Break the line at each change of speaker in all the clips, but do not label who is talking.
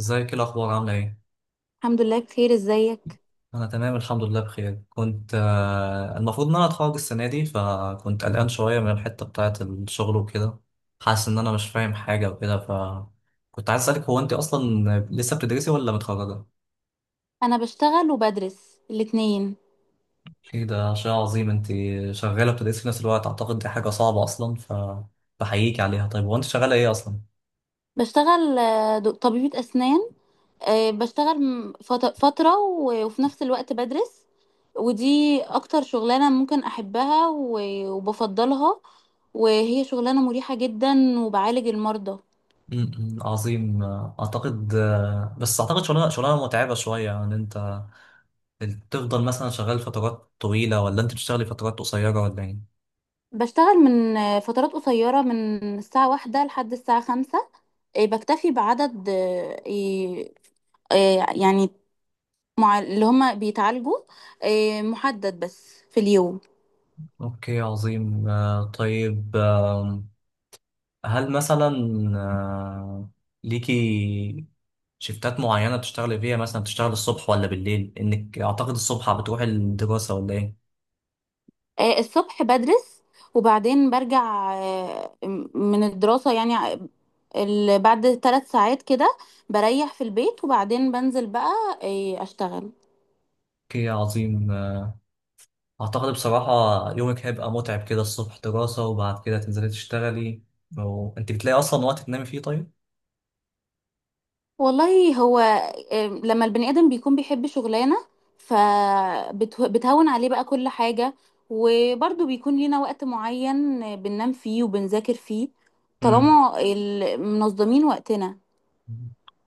ازيك؟ ايه الاخبار؟ عامله ايه؟
الحمد لله بخير، ازيك.
انا تمام الحمد لله بخير. كنت المفروض ان انا اتخرج السنه دي، فكنت قلقان شويه من الحته بتاعه الشغل وكده. حاسس ان انا مش فاهم حاجه وكده، فكنت عايز اسالك، هو انت اصلا لسه بتدرسي ولا متخرجه؟
انا بشتغل وبدرس الاتنين.
ايه ده، شيء عظيم انت! شغاله بتدرسي في نفس الوقت، اعتقد دي حاجه صعبه اصلا، ف بحييك عليها. طيب هو انت شغاله ايه اصلا؟
بشتغل طبيبة اسنان. بشتغل فترة وفي نفس الوقت بدرس. ودي اكتر شغلانة ممكن احبها وبفضلها، وهي شغلانة مريحة جدا وبعالج المرضى.
م- م، عظيم. اعتقد بس اعتقد شغلانه متعبه شويه. ان انت انت تفضل مثلا شغال فترات طويلة، ولا انت بتشتغلي فترات قصيرة، ولا ايه؟
بشتغل من فترات قصيرة، من الساعة واحدة لحد الساعة خمسة. بكتفي بعدد يعني مع اللي هما بيتعالجوا، محدد بس في اليوم.
اوكي، عظيم. طيب هل مثلا آه، ليكي شفتات معينة بتشتغلي فيها؟ مثلا بتشتغلي الصبح ولا بالليل؟ انك اعتقد الصبح بتروحي الدراسة، ولا ايه؟
الصبح بدرس، وبعدين برجع من الدراسة، يعني بعد ثلاث ساعات كده بريح في البيت، وبعدين بنزل بقى أشتغل.
اوكي، عظيم. اعتقد بصراحة يومك هيبقى متعب كده، الصبح دراسة وبعد كده تنزلي تشتغلي، وانت بتلاقي اصلا وقت تنامي فيه طيب؟
والله هو لما البني آدم بيكون بيحب شغلانة فبتهون عليه بقى كل حاجة، وبرضه بيكون لينا وقت معين بننام فيه وبنذاكر فيه،
مم.
طالما منظمين وقتنا.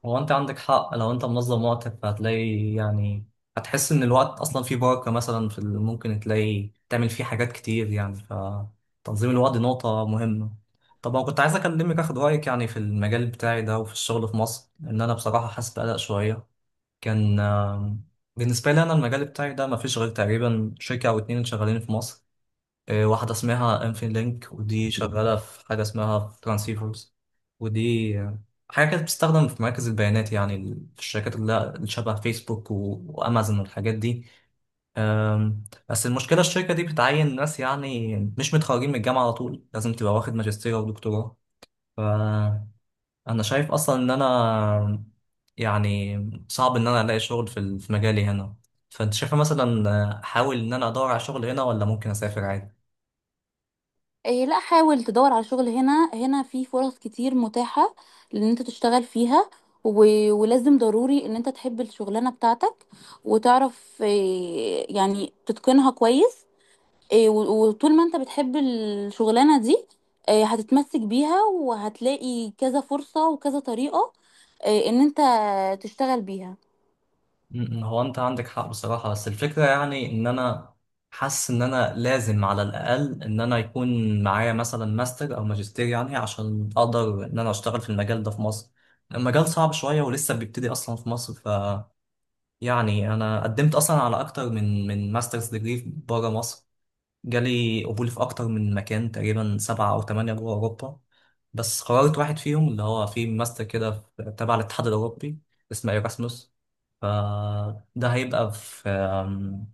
هو انت عندك حق، لو انت منظم وقتك فهتلاقي يعني هتحس ان الوقت اصلا فيه بركة. مثلا في ال- ممكن تلاقي تعمل فيه حاجات كتير يعني، فتنظيم الوقت دي نقطة مهمة. طب انا كنت عايز اكلمك اخد رأيك يعني في المجال بتاعي ده وفي الشغل في مصر، لان انا بصراحة حاسس بقلق شوية. كان بالنسبة لي انا المجال بتاعي ده مفيش غير تقريبا شركة او اتنين شغالين في مصر. إيه، واحدة اسمها انفين لينك، ودي شغالة في حاجة اسمها ترانسيفرز. ودي حاجة كانت بتستخدم في مراكز البيانات، يعني ال- في الشركات اللي شبه فيسبوك وأمازون والحاجات دي. بس المشكلة الشركة دي بتعين ناس يعني مش متخرجين من الجامعة على طول، لازم تبقى واخد ماجستير أو دكتوراه. فأنا شايف أصلا إن أنا يعني صعب إن أنا ألاقي شغل في ال- في مجالي هنا. فأنت شايفة مثلا أحاول إن أنا أدور على شغل هنا، ولا ممكن أسافر عادي؟
إيه لا، حاول تدور على شغل هنا، هنا في فرص كتير متاحة لان انت تشتغل فيها و... ولازم ضروري ان انت تحب الشغلانة بتاعتك وتعرف إيه يعني تتقنها كويس. إيه وطول ما انت بتحب الشغلانة دي، إيه هتتمسك بيها وهتلاقي كذا فرصة وكذا طريقة. إيه ان انت تشتغل بيها.
هو انت عندك حق بصراحة، بس الفكرة يعني ان انا حاسس ان انا لازم على الاقل ان انا يكون معايا مثلا ماستر او ماجستير، يعني عشان اقدر ان انا اشتغل في المجال ده في مصر. المجال صعب شوية ولسه بيبتدي اصلا في مصر، ف يعني انا قدمت اصلا على اكتر من ماسترز ديجري بره مصر. جالي قبول في أكتر من مكان، تقريبا سبعة أو تمانية جوه أوروبا. بس قررت واحد فيهم اللي هو في ماستر كده، تبع الاتحاد الأوروبي، اسمه إيراسموس. فده هيبقى في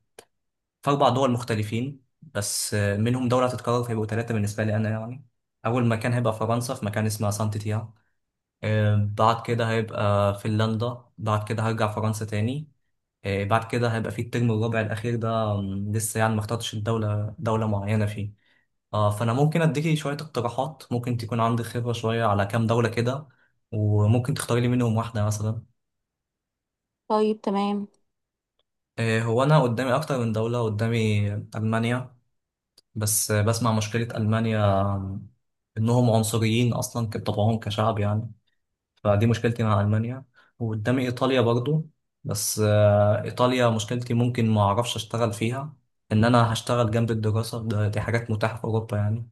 في أربع دول مختلفين، بس منهم دولة هتتكرر، فيبقوا تلاتة بالنسبة لي أنا يعني. أول مكان هيبقى فرنسا، في مكان اسمه سانت تيا. بعد كده هيبقى فنلندا، بعد كده هرجع فرنسا تاني. بعد كده هيبقى في الترم الرابع الأخير ده لسه يعني ما اخترتش دولة معينة فيه. آه، فأنا ممكن أديكي شوية اقتراحات، ممكن تكون عندك خبرة شوية على كام دولة كده، وممكن تختاري لي منهم واحدة مثلا.
طيب تمام.
آه، هو أنا قدامي أكتر من دولة. قدامي ألمانيا، بس بسمع مشكلة ألمانيا إنهم عنصريين أصلا كطبعهم كشعب يعني، فدي مشكلتي مع ألمانيا. وقدامي إيطاليا برضو، بس إيطاليا مشكلتي ممكن ما أعرفش أشتغل فيها، إن أنا هشتغل جنب الدراسة، دي حاجات متاحة في أوروبا يعني.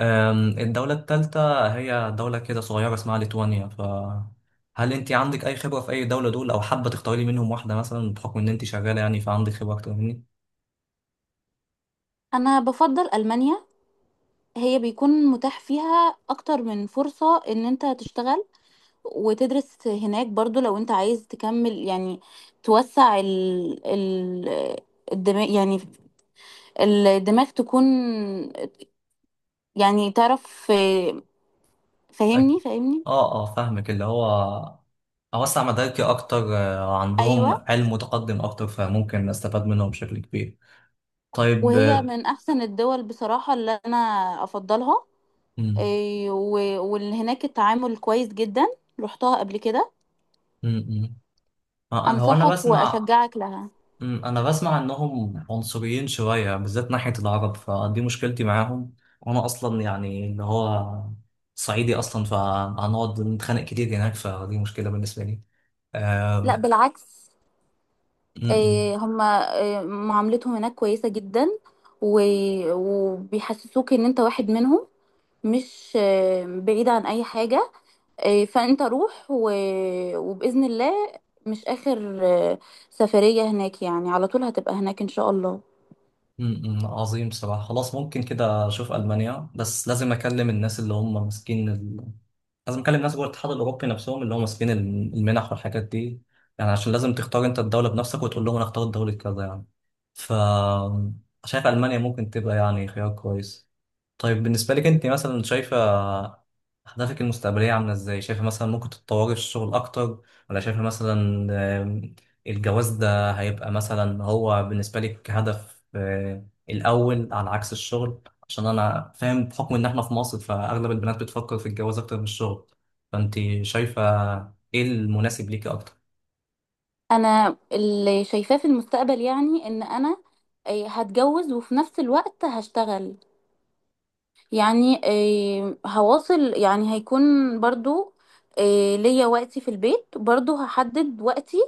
الدولة التالتة هي دولة كده صغيرة اسمها ليتوانيا. فهل أنت عندك أي خبرة في أي دولة دول، أو حابة تختاري لي منهم واحدة مثلا بحكم إن أنت شغالة يعني فعندك خبرة أكتر مني؟
انا بفضل ألمانيا، هي بيكون متاح فيها اكتر من فرصة ان انت تشتغل وتدرس هناك برضو، لو انت عايز تكمل يعني توسع ال الدماغ، يعني الدماغ تكون يعني تعرف
أي.
فاهمني، فاهمني.
آه آه، فاهمك. اللي هو أوسع مداركي أكتر، عندهم
ايوه.
علم متقدم أكتر فممكن أستفاد منهم بشكل كبير. طيب.
وهي من احسن الدول بصراحة اللي انا افضلها.
مم.
اي، واللي هناك التعامل كويس جدا، رحتها قبل كده.
مم. مم. انا انا
انصحك
بسمع.
واشجعك لها.
مم. انا بسمع انهم عنصريين شويه بالذات ناحيه العرب، فدي مشكلتي معاهم. وانا اصلا يعني اللي هو صعيدي اصلا، فهنقعد نتخانق كتير هناك، فدي مشكله بالنسبه لي.
لا
آم،
بالعكس،
مم.
هما معاملتهم هناك كويسة جدا وبيحسسوك ان انت واحد منهم، مش بعيد عن اي حاجة. فانت روح وبإذن الله مش آخر سفرية هناك، يعني على طول هتبقى هناك ان شاء الله.
مم. مم. عظيم بصراحه. خلاص ممكن كده اشوف المانيا، بس لازم اكلم الناس اللي هم ماسكين، لازم اكلم ناس جوه الاتحاد الاوروبي نفسهم اللي هم ماسكين المنح والحاجات دي، يعني عشان لازم تختار انت الدوله بنفسك وتقول لهم انا اختار دوله كذا يعني. ف شايف المانيا ممكن تبقى يعني خيار كويس. طيب بالنسبة لك انت، مثلا شايفة أهدافك المستقبلية عاملة ازاي؟ شايفة مثلا ممكن تتطوري في الشغل أكتر، ولا شايفة مثلا آم، الجواز ده هيبقى مثلا هو بالنسبة لك هدف الأول على عكس الشغل؟ عشان أنا فاهم بحكم إن احنا في مصر فأغلب البنات بتفكر في الجواز أكتر من الشغل، فأنت شايفة ايه المناسب ليكي أكتر؟
انا اللي شايفاه في المستقبل يعني ان انا هتجوز وفي نفس الوقت هشتغل، يعني هواصل، يعني هيكون برضو ليا وقتي في البيت، برضو هحدد وقتي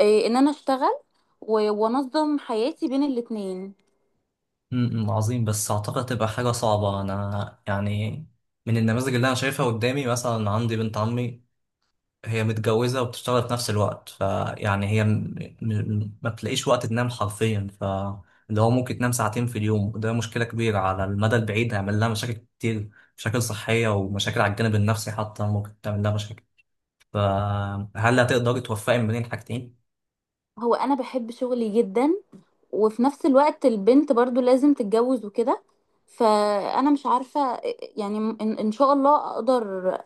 ان انا اشتغل وانظم حياتي بين الاتنين.
امم، عظيم. بس أعتقد تبقى حاجة صعبة. أنا يعني من النماذج اللي أنا شايفها قدامي، مثلا عندي بنت عمي، هي متجوزة وبتشتغل في نفس الوقت، فيعني هي ما بتلاقيش وقت تنام حرفيا. ف اللي هو ممكن تنام ساعتين في اليوم، وده مشكلة كبيرة على المدى البعيد، هيعمل لها مشاكل كتير، مشاكل صحية ومشاكل على الجانب النفسي حتى ممكن تعمل لها مشاكل. فهل هتقدري توفقي ما بين الحاجتين؟
هو انا بحب شغلي جدا، وفي نفس الوقت البنت برضو لازم تتجوز وكده. فانا مش عارفة يعني ان إن شاء الله اقدر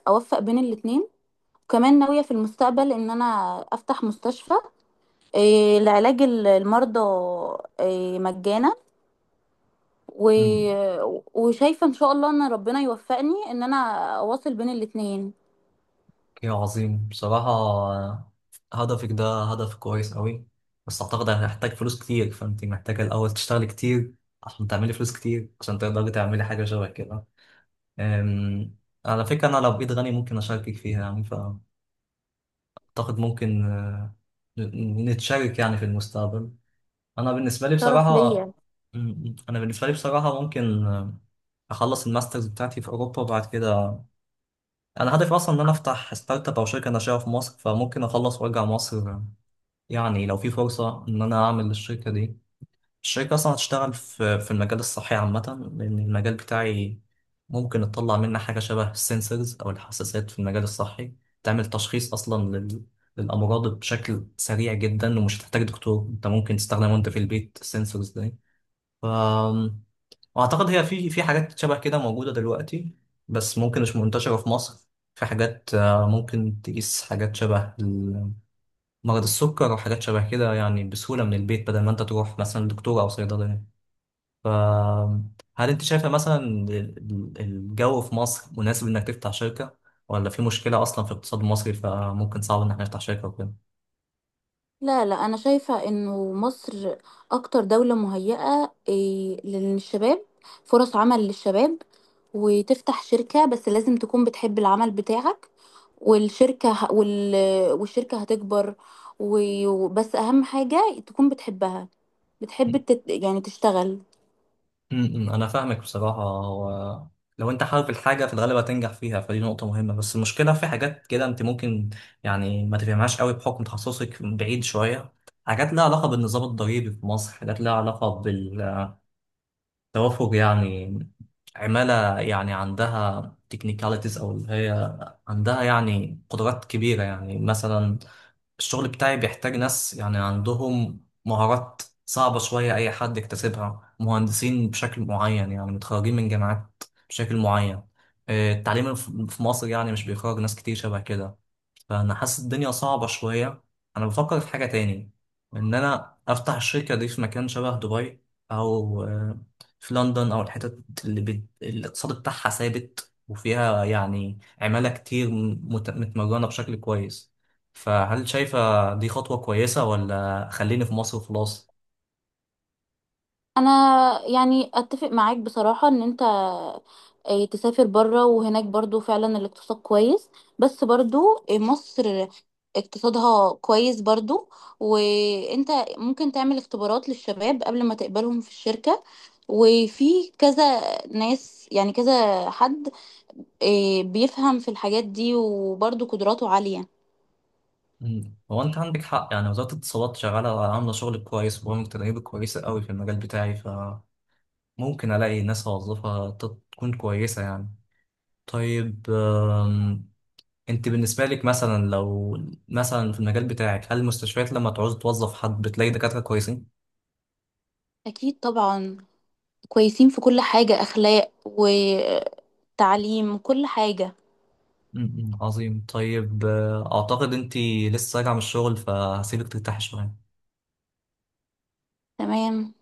اوفق بين الاتنين. وكمان ناوية في المستقبل ان انا افتح مستشفى لعلاج المرضى مجانا، و...
امم.
وشايفة ان شاء الله ان ربنا يوفقني ان انا اواصل بين الاتنين.
يا عظيم بصراحة، هدفك ده هدف كويس قوي، بس أعتقد هتحتاج فلوس كتير، فأنت محتاجة الأول تشتغلي كتير عشان تعملي فلوس كتير عشان تقدري تعملي حاجة شبه كده. أم، على فكرة أنا لو بإيد غني ممكن أشاركك فيها يعني، فأعتقد ممكن نتشارك يعني في المستقبل. أنا بالنسبة لي
شرف
بصراحة
ليا.
أنا بالنسبة لي بصراحة ممكن أخلص الماسترز بتاعتي في أوروبا، وبعد كده أنا هدفي أصلا إن أنا أفتح ستارت أب أو شركة ناشئة في مصر، فممكن أخلص وأرجع مصر. يعني لو في فرصة إن أنا أعمل الشركة دي، الشركة أصلا هتشتغل في المجال الصحي عامة، لأن المجال بتاعي ممكن تطلع منه حاجة شبه السنسورز أو الحساسات في المجال الصحي، تعمل تشخيص أصلا للأمراض بشكل سريع جدا، ومش هتحتاج دكتور، أنت ممكن تستخدمه أنت في البيت، السنسورز دي. ف... وأعتقد هي في حاجات شبه كده موجودة دلوقتي، بس ممكن مش منتشرة في مصر. في حاجات ممكن تقيس حاجات شبه ال- مرض السكر وحاجات شبه كده يعني بسهولة من البيت، بدل ما أنت تروح مثلا دكتور أو صيدلية. فهل انت شايفة مثلا ال- الجو في مصر مناسب انك تفتح شركة، ولا في مشكلة اصلا في الاقتصاد المصري فممكن صعب ان احنا نفتح شركة وكده؟
لا لا، انا شايفة انه مصر اكتر دولة مهيئة، إيه، للشباب، فرص عمل للشباب وتفتح شركة، بس لازم تكون بتحب العمل بتاعك والشركة ه- وال... والشركة هتكبر، بس اهم حاجة تكون بتحبها، بتحب يعني تشتغل.
انا فاهمك بصراحة. هو لو انت حابب الحاجة في الغالب هتنجح فيها، فدي نقطة مهمة. بس المشكلة في حاجات كده انت ممكن يعني ما تفهمهاش قوي بحكم تخصصك بعيد شوية. حاجات لها علاقة بالنظام الضريبي في مصر، حاجات لها علاقة توافق يعني عمالة، يعني عندها تكنيكاليتيز، أو اللي هي عندها يعني قدرات كبيرة. يعني مثلا الشغل بتاعي بيحتاج ناس يعني عندهم مهارات صعبة شوية، أي حد يكتسبها مهندسين بشكل معين يعني، متخرجين من جامعات بشكل معين. التعليم في مصر يعني مش بيخرج ناس كتير شبه كده. فانا حاسس الدنيا صعبة شوية. انا بفكر في حاجة تاني، ان انا افتح الشركة دي في مكان شبه دبي، او في لندن او الحتت اللي الاقتصاد بتاعها ثابت، وفيها يعني عمالة كتير متمرنة بشكل كويس. فهل شايفة دي خطوة كويسة، ولا خليني في مصر وخلاص؟
انا يعني اتفق معاك بصراحة ان انت تسافر بره وهناك برضو فعلا الاقتصاد كويس، بس برضو مصر اقتصادها كويس برضو. وانت ممكن تعمل اختبارات للشباب قبل ما تقبلهم في الشركة، وفي كذا ناس، يعني كذا حد بيفهم في الحاجات دي وبرضو قدراته عالية.
مم. هو انت عندك حق، يعني وزارة الاتصالات شغالة، عاملة شغل كويس وبرامج تدريب كويسة قوي في المجال بتاعي، فممكن الاقي ناس اوظفها تكون كويسة يعني. طيب انت بالنسبة لك مثلا لو مثلا في المجال بتاعك هل المستشفيات لما تعوز توظف حد بتلاقي دكاترة كويسين؟
اكيد طبعا، كويسين في كل حاجة، اخلاق وتعليم كل حاجة.
م- م. عظيم. طيب اعتقد انت لسه راجعة من الشغل، فهسيبك ترتاحي شوية.
تمام.